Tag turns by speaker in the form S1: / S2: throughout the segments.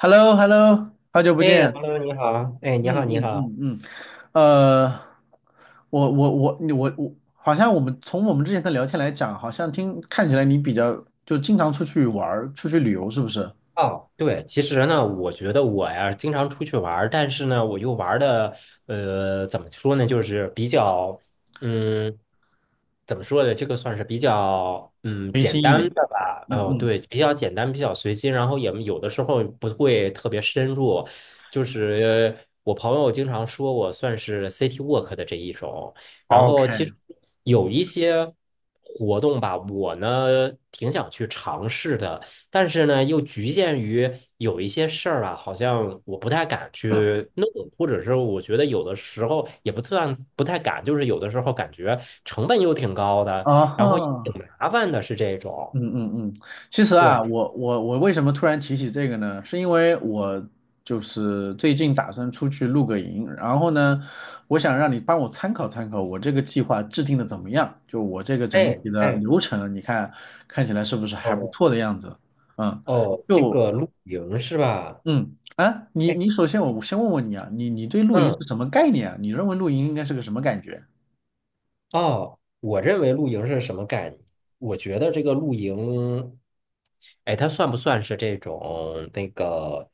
S1: h e l l o h e l l o 好久不
S2: 哎
S1: 见。
S2: ，Hello，你好，哎，你
S1: 嗯
S2: 好，你
S1: 嗯
S2: 好，
S1: 嗯嗯，呃，我我我你我我，好像我们之前的聊天来讲，好像看起来你比较就经常出去玩儿，出去旅游，是不是？
S2: 哦，对，其实呢，我觉得我呀经常出去玩儿，但是呢，我又玩的怎么说呢，就是比较嗯，怎么说呢，这个算是比较
S1: 随
S2: 简
S1: 心一点。
S2: 单的吧。
S1: 嗯
S2: 哦，
S1: 嗯
S2: 对，比较简单，比较随机，然后也有的时候不会特别深入。就是我朋友经常说我算是 City Walk 的这一种，然后其
S1: ，OK。
S2: 实有一些活动吧，我呢挺想去尝试的。但是呢，又局限于有一些事儿啊，好像我不太敢去弄，或者是我觉得有的时候也不算不太敢，就是有的时候感觉成本又挺高的，
S1: 啊
S2: 然后也挺
S1: 哈，
S2: 麻烦的，是这种。
S1: 嗯嗯嗯，其实啊，
S2: 对，
S1: 我为什么突然提起这个呢？是因为我就是最近打算出去露个营，然后呢，我想让你帮我参考参考我这个计划制定的怎么样，就我这个整
S2: 哎
S1: 体的
S2: 哎，
S1: 流程，你看看起来是不是还不
S2: 哦
S1: 错的样子？嗯，
S2: 哦，这
S1: 就
S2: 个露营是吧？
S1: 嗯啊，你
S2: 哎，
S1: 你首先我先问问你啊，你对露营
S2: 嗯。
S1: 是什么概念啊？你认为露营应该是个什么感觉？
S2: 哦，我认为露营是什么概念？我觉得这个露营，哎，它算不算是这种那个，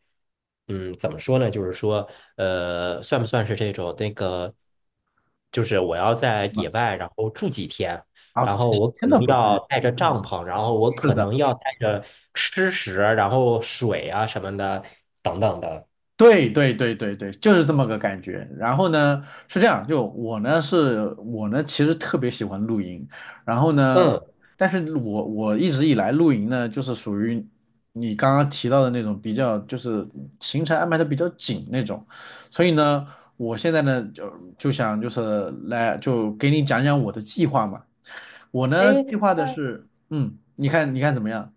S2: 怎么说呢？就是说，算不算是这种那个，就是我要在野外，然后住几天，
S1: 啊，
S2: 然后
S1: 几
S2: 我可
S1: 天
S2: 能
S1: 都不至
S2: 要
S1: 于。
S2: 带着
S1: 嗯，
S2: 帐篷，然后我
S1: 是
S2: 可
S1: 的。
S2: 能要带着吃食，然后水啊什么的，等等的。
S1: 对对对对对，就是这么个感觉。然后呢，是这样，就我呢是，我呢其实特别喜欢露营，然后呢，
S2: 嗯，
S1: 但是我一直以来露营呢，就是属于你刚刚提到的那种比较，就是行程安排的比较紧那种，所以呢，我现在呢就想就是来就给你讲讲我的计划嘛。我呢计
S2: 哎。
S1: 划的是，嗯，你看你看怎么样？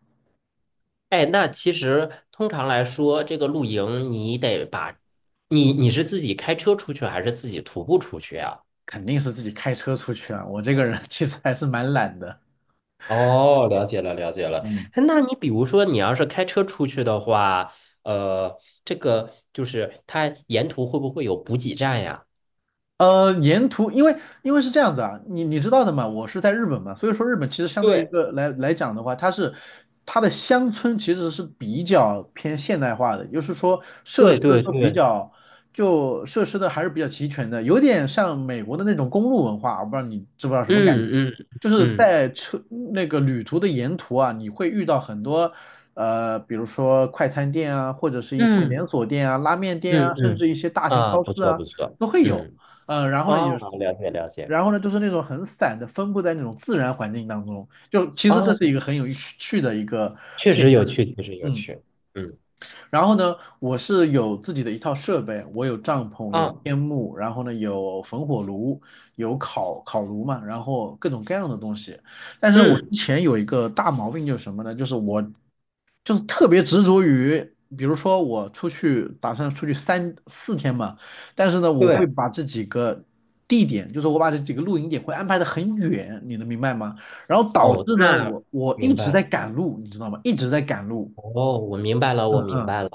S2: 哎，那其实通常来说，这个露营你得把，你是自己开车出去还是自己徒步出去呀？
S1: 肯定是自己开车出去啊，我这个人 其实还是蛮懒的。
S2: 哦，了解了，了解了。
S1: 嗯。
S2: 哎那你比如说，你要是开车出去的话，呃，这个就是它沿途会不会有补给站呀？
S1: 沿途因为是这样子啊，你知道的嘛，我是在日本嘛，所以说日本其实相对于一
S2: 对，
S1: 个来来讲的话，它的乡村其实是比较偏现代化的，也就是说
S2: 对对对，
S1: 设施的还是比较齐全的，有点像美国的那种公路文化，我不知道你知不知道什么感觉，
S2: 嗯
S1: 就
S2: 嗯
S1: 是
S2: 嗯
S1: 在车那个旅途的沿途啊，你会遇到很多比如说快餐店啊，或者是一些
S2: 嗯
S1: 连锁店啊、拉面店
S2: 嗯
S1: 啊，甚
S2: 嗯，
S1: 至一些大型
S2: 啊，
S1: 超
S2: 不
S1: 市
S2: 错
S1: 啊。
S2: 不错，
S1: 都会有。
S2: 嗯，
S1: 嗯，然后呢
S2: 哦，
S1: 有，
S2: 了解了解，
S1: 然后呢就是那种很散的，分布在那种自然环境当中，就其实这是一
S2: 哦，
S1: 个很有趣的一个
S2: 确
S1: 现
S2: 实有
S1: 象。
S2: 趣，确实有
S1: 嗯。
S2: 趣，嗯
S1: 然后呢，我是有自己的一套设备，我有帐篷，有
S2: 啊，
S1: 天幕，然后呢有焚火炉，有烤烤炉嘛，然后各种各样的东西。但是呢，我之
S2: 嗯。
S1: 前有一个大毛病就是什么呢？就是我就是特别执着于，比如说我打算出去三四天嘛，但是呢，我会
S2: 对，
S1: 把这几个地点，就是我把这几个露营点会安排的很远，你能明白吗？然后导
S2: 哦，
S1: 致呢，
S2: 那
S1: 我一
S2: 明
S1: 直
S2: 白
S1: 在
S2: 了。
S1: 赶路，你知道吗？一直在赶路。
S2: 哦，我明白了，我
S1: 嗯
S2: 明
S1: 嗯。
S2: 白了。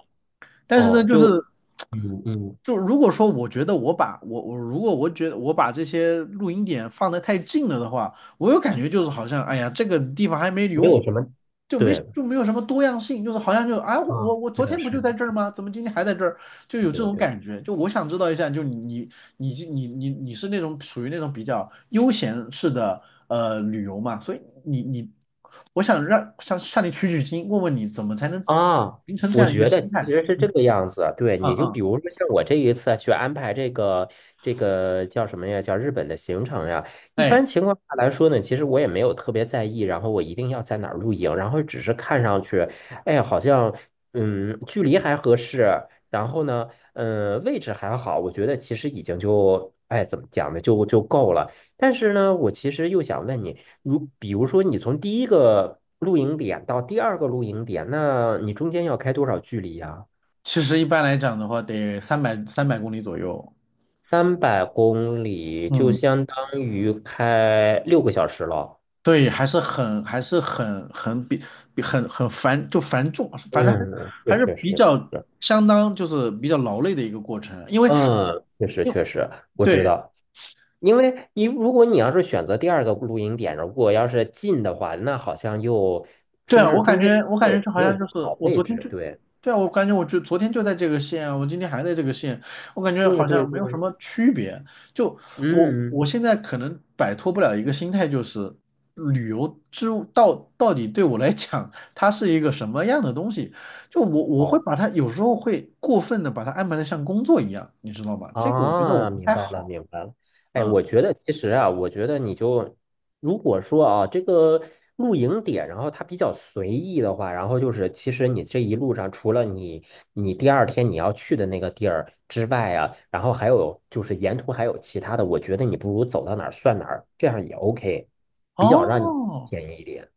S1: 但是呢，
S2: 哦，
S1: 就
S2: 就
S1: 是
S2: 嗯嗯，
S1: 就如果说我觉得我把我我如果我觉得我把这些录音点放得太近了的话，我有感觉就是好像哎呀这个地方还没
S2: 没
S1: 留，
S2: 有什么，
S1: 就没
S2: 对，
S1: 就没有什么多样性，就是好像我我
S2: 啊，
S1: 我
S2: 是
S1: 昨
S2: 的，
S1: 天不
S2: 是
S1: 就在
S2: 的，
S1: 这儿吗？怎么今天还在这儿？就
S2: 对
S1: 有这
S2: 对
S1: 种
S2: 对
S1: 感觉。就我想知道一下，就你是那种属于那种比较悠闲式的旅游嘛，所以我想让向你取取经，问问你怎么才能
S2: 啊，
S1: 形成这
S2: 我
S1: 样一个
S2: 觉得
S1: 心
S2: 其
S1: 态。
S2: 实是这
S1: 嗯
S2: 个样子啊。对，你
S1: 嗯
S2: 就
S1: 嗯，
S2: 比如说像我这一次啊去安排这个叫什么呀？叫日本的行程呀。一
S1: 哎。
S2: 般情况下来说呢，其实我也没有特别在意，然后我一定要在哪儿露营，然后只是看上去，哎，好像距离还合适，然后呢，位置还好，我觉得其实已经就哎怎么讲呢，就够了。但是呢，我其实又想问你，比如说你从第一个露营点到第二个露营点，那你中间要开多少距离呀？
S1: 其实一般来讲的话，得三百公里左右。
S2: 三百公里就
S1: 嗯，
S2: 相当于开6个小时了。
S1: 对，还是很还是很很比比很很繁就繁重，反正还
S2: 嗯，这
S1: 还是
S2: 确
S1: 比
S2: 实
S1: 较
S2: 是，
S1: 相当就是比较劳累的一个过程，因为
S2: 嗯，确实
S1: 因为
S2: 确实，我知
S1: 对
S2: 道。因为你如果你要是选择第二个露营点，如果要是近的话，那好像又
S1: 对
S2: 是不
S1: 啊，
S2: 是
S1: 我
S2: 中
S1: 感
S2: 间
S1: 觉我感觉
S2: 又
S1: 就好
S2: 没
S1: 像
S2: 有
S1: 就
S2: 好
S1: 是我
S2: 位
S1: 昨天
S2: 置？
S1: 就，
S2: 对，
S1: 对啊，我感觉我就昨天就在这个县，我今天还在这个县，我感觉
S2: 对
S1: 好
S2: 对
S1: 像没有什
S2: 对，
S1: 么区别。就我
S2: 嗯。
S1: 现在可能摆脱不了一个心态，就是旅游之到到底对我来讲，它是一个什么样的东西？就我会
S2: 好。
S1: 把它有时候会过分的把它安排的像工作一样，你知道吗？这个我觉得我
S2: 啊，
S1: 不
S2: 明
S1: 太
S2: 白了，
S1: 好。
S2: 明白了。哎，
S1: 嗯，
S2: 我觉得其实啊，我觉得你就如果说啊，这个露营点，然后它比较随意的话，然后就是其实你这一路上，除了你第二天你要去的那个地儿之外啊，然后还有就是沿途还有其他的，我觉得你不如走到哪儿算哪儿，这样也 OK，比较让你
S1: 哦，
S2: 简易一点。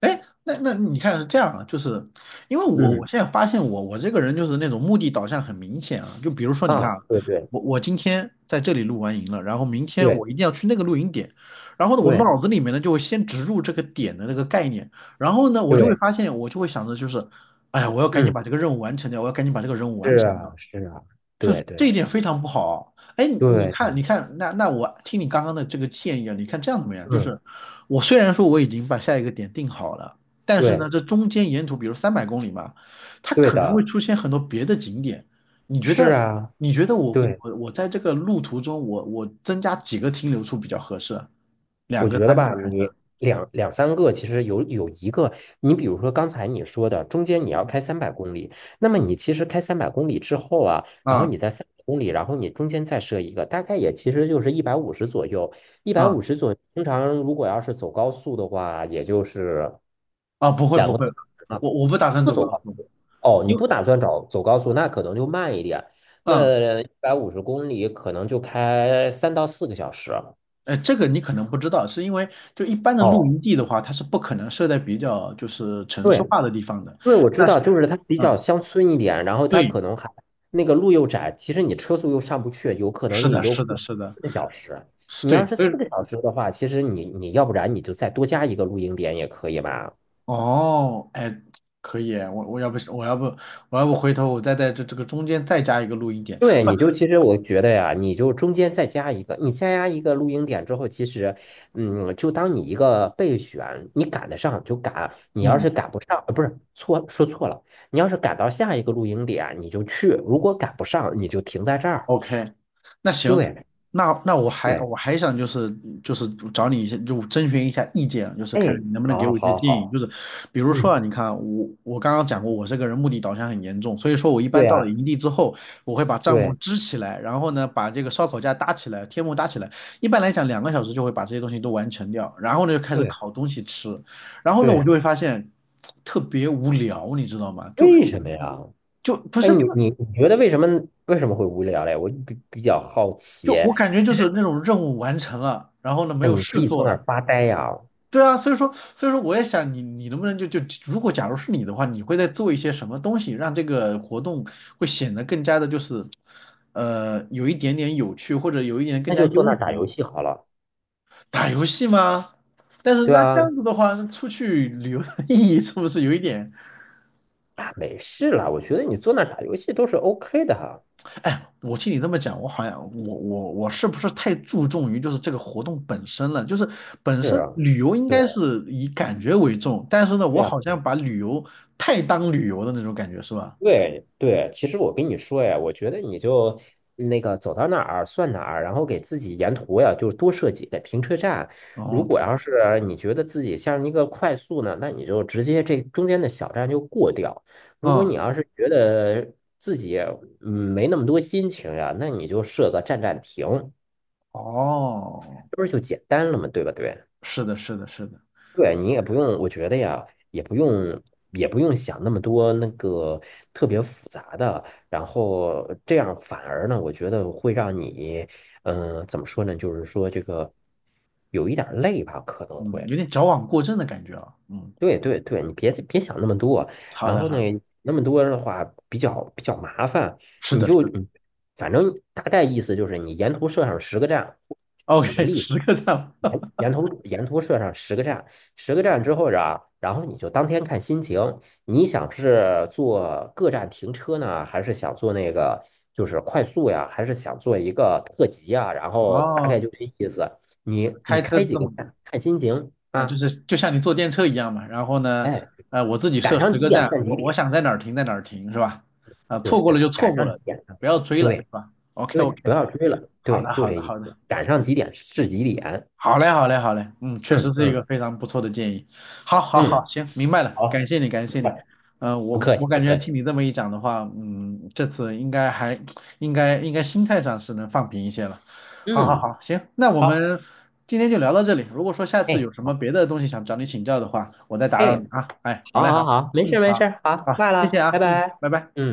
S1: 哎，那你看是这样啊，就是因为我
S2: 嗯，
S1: 现在发现我这个人就是那种目的导向很明显啊，就比如说你看
S2: 啊，
S1: 啊，
S2: 对对
S1: 我今天在这里露完营了，然后明天
S2: 对
S1: 我一定要去那个露营点，然后呢我
S2: 对
S1: 脑子里面呢就会先植入这个点的那个概念，然后呢我就会
S2: 对，
S1: 发现我就会想着就是，哎呀我要赶紧
S2: 嗯，
S1: 把这个任务完成掉，我要赶紧把这个任务完
S2: 是
S1: 成
S2: 啊
S1: 掉，
S2: 是啊，
S1: 就是
S2: 对
S1: 这一
S2: 对
S1: 点非常不好啊。哎，你
S2: 对
S1: 看，你
S2: 对，
S1: 看，那我听你刚刚的这个建议啊，你看这样怎么样？就
S2: 嗯。
S1: 是我虽然说我已经把下一个点定好了，但是
S2: 对，
S1: 呢，这中间沿途，比如三百公里嘛，它
S2: 对
S1: 可能会
S2: 的，
S1: 出现很多别的景点。你觉
S2: 是
S1: 得，
S2: 啊，
S1: 我
S2: 对，
S1: 我我在这个路途中，我增加几个停留处比较合适啊？两
S2: 我
S1: 个、
S2: 觉得
S1: 三
S2: 吧，
S1: 个还是？
S2: 你两三个，其实有一个，你比如说刚才你说的，中间你要开三百公里，那么你其实开三百公里之后啊，然后
S1: 啊
S2: 你在三百公里，然后你中间再设一个，大概也其实就是一百五十左右，一百
S1: 啊
S2: 五十左右，通常如果要是走高速的话，也就是
S1: 啊！不会
S2: 两
S1: 不
S2: 个
S1: 会，
S2: 多小时嘛，
S1: 我不打算
S2: 不
S1: 走
S2: 走
S1: 高
S2: 高，
S1: 速，
S2: 哦，你
S1: 因为
S2: 不打算走高速，那可能就慢一点，
S1: 嗯
S2: 那150公里可能就开3到4个小时。
S1: 这个你可能不知道，是因为就一般的露
S2: 哦，
S1: 营地的话，它是不可能设在比较就是城
S2: 对
S1: 市
S2: 对，因
S1: 化的地方的。
S2: 为我知
S1: 但是，
S2: 道，就是它比
S1: 嗯，
S2: 较乡村一点，然后它
S1: 对，
S2: 可能还那个路又窄，其实你车速又上不去，有可能
S1: 是
S2: 你
S1: 的，
S2: 就
S1: 是的，
S2: 过
S1: 是的，
S2: 四个小时。
S1: 是
S2: 你要
S1: 对，
S2: 是
S1: 所
S2: 四
S1: 以
S2: 个小时的话，其实你要不然你就再多加一个露营点也可以吧？
S1: 哦，哎，可以，我要不回头我再在这个中间再加一个露营点，
S2: 对，你就其实我觉得呀，你就中间再加一个，你再加一个露营点之后，其实，就当你一个备选，你赶得上就赶，你要
S1: 嗯。
S2: 是赶不上，不是，错，说错了，你要是赶到下一个露营点，你就去，如果赶不上，你就停在这儿。
S1: OK，那行，
S2: 对
S1: 那我还
S2: 对，
S1: 我还想就是找你一些就征询一下意见，就是看
S2: 哎，
S1: 你能不能给
S2: 好，
S1: 我一些
S2: 好，
S1: 建议。
S2: 好，
S1: 就是比如说
S2: 嗯，
S1: 啊，你看我刚刚讲过，我这个人目的导向很严重，所以说我一般
S2: 对
S1: 到
S2: 啊，
S1: 了营地之后，我会把帐篷
S2: 对
S1: 支起来，然后呢把这个烧烤架搭起来，天幕搭起来。一般来讲，2个小时就会把这些东西都完成掉，然后呢就开始
S2: 对
S1: 烤东西吃，然后呢我就
S2: 对，
S1: 会发现特别无聊，你知道吗？就
S2: 为什么呀？
S1: 就不
S2: 哎，
S1: 是。
S2: 你觉得为什么会无聊嘞？我比较好奇。
S1: 就我感觉就
S2: 其
S1: 是
S2: 实，
S1: 那种任务完成了，然后呢没
S2: 哎，
S1: 有
S2: 你可
S1: 事
S2: 以坐
S1: 做
S2: 那儿
S1: 了。
S2: 发呆呀，
S1: 对啊，所以说我也想你能不能就如果假如是你的话，你会在做一些什么东西，让这个活动会显得更加的就是有一点点有趣，或者有一点更
S2: 那
S1: 加
S2: 就
S1: 悠
S2: 坐那儿打游
S1: 闲。
S2: 戏好了。
S1: 打游戏吗？但是
S2: 对
S1: 那
S2: 啊，
S1: 这样子的话，出去旅游的意义是不是有一点
S2: 啊，没事了，我觉得你坐那儿打游戏都是 OK 的哈。
S1: 哎，我听你这么讲，我好像我我我是不是太注重于就是这个活动本身了？就是本
S2: 是
S1: 身
S2: 啊，
S1: 旅游应该
S2: 对。
S1: 是以感觉为重，但是呢，我好像把旅游太当旅游的那种感觉是吧？
S2: 对对，其实我跟你说呀，我觉得你就那个走到哪儿算哪儿，然后给自己沿途呀，就是多设几个停车站。
S1: 哦，
S2: 如果要是你觉得自己像一个快速呢，那你就直接这中间的小站就过掉。如果
S1: 嗯，
S2: 你要是觉得自己嗯没那么多心情呀，那你就设个站站停，
S1: 哦，
S2: 这不是就简单了吗？对吧？对。
S1: 是的，是的，是的，
S2: 对你也不用，我觉得呀，也不用，也不用想那么多那个特别复杂的，然后这样反而呢，我觉得会让你，怎么说呢？就是说这个有一点儿累吧，可能
S1: 嗯，
S2: 会。
S1: 有点矫枉过正的感觉啊。嗯，
S2: 对对对，你别想那么多，
S1: 好
S2: 然
S1: 的，
S2: 后
S1: 好
S2: 呢，
S1: 的，
S2: 那么多的话比较麻烦，
S1: 是
S2: 你
S1: 的，是
S2: 就
S1: 的
S2: 反正大概意思就是你沿途设上10个站，举个
S1: ，OK，
S2: 例子，
S1: 10个赞。
S2: 沿沿 途沿途设上十个站，十个
S1: o k
S2: 站之后啊，然后你就当天看心情，你想是坐各站停车呢，还是想坐那个就是快速呀，还是想做一个特急啊？然后大
S1: 哦，
S2: 概就这意思，
S1: 就
S2: 你
S1: 是
S2: 你
S1: 开车
S2: 开几
S1: 这
S2: 个
S1: 么。
S2: 站看心情
S1: 啊，就
S2: 啊。
S1: 是就像你坐电车一样嘛。然后呢，
S2: 哎。
S1: 我自己
S2: 赶
S1: 设
S2: 上
S1: 十
S2: 几
S1: 个
S2: 点
S1: 站，
S2: 算几
S1: 我
S2: 点，
S1: 想在哪儿停在哪儿停，是吧？啊，
S2: 对
S1: 错过了
S2: 对，
S1: 就
S2: 赶
S1: 错过
S2: 上几
S1: 了，
S2: 点算几
S1: 不
S2: 点
S1: 要追了，是
S2: 对
S1: 吧？OK
S2: 对，不
S1: OK，
S2: 要追了，
S1: 好
S2: 对，
S1: 的
S2: 就
S1: 好
S2: 这
S1: 的
S2: 意
S1: 好的。
S2: 思，赶上几点是几点，
S1: 好嘞，好嘞，好嘞，嗯，确实
S2: 嗯
S1: 是一个
S2: 嗯
S1: 非常不错的建议。好，好，好，
S2: 嗯，
S1: 行，明白了，
S2: 好，
S1: 感谢你，感谢你。
S2: 不
S1: 嗯、
S2: 不
S1: 我
S2: 客气
S1: 我
S2: 不
S1: 感觉
S2: 客
S1: 听
S2: 气，
S1: 你这么一讲的话，嗯，这次还应该心态上是能放平一些了。好，好，
S2: 嗯，
S1: 好，行，那我
S2: 好，
S1: 们今天就聊到这里。如果说下次
S2: 哎
S1: 有什么
S2: 好，
S1: 别的东西想找你请教的话，我再打扰你
S2: 哎，
S1: 啊。哎，好
S2: 好
S1: 嘞，
S2: 好
S1: 好，
S2: 好，没事
S1: 嗯，
S2: 没
S1: 好，
S2: 事，好，
S1: 好，
S2: 挂
S1: 谢谢
S2: 了，拜
S1: 啊，嗯，
S2: 拜，
S1: 拜拜。
S2: 嗯。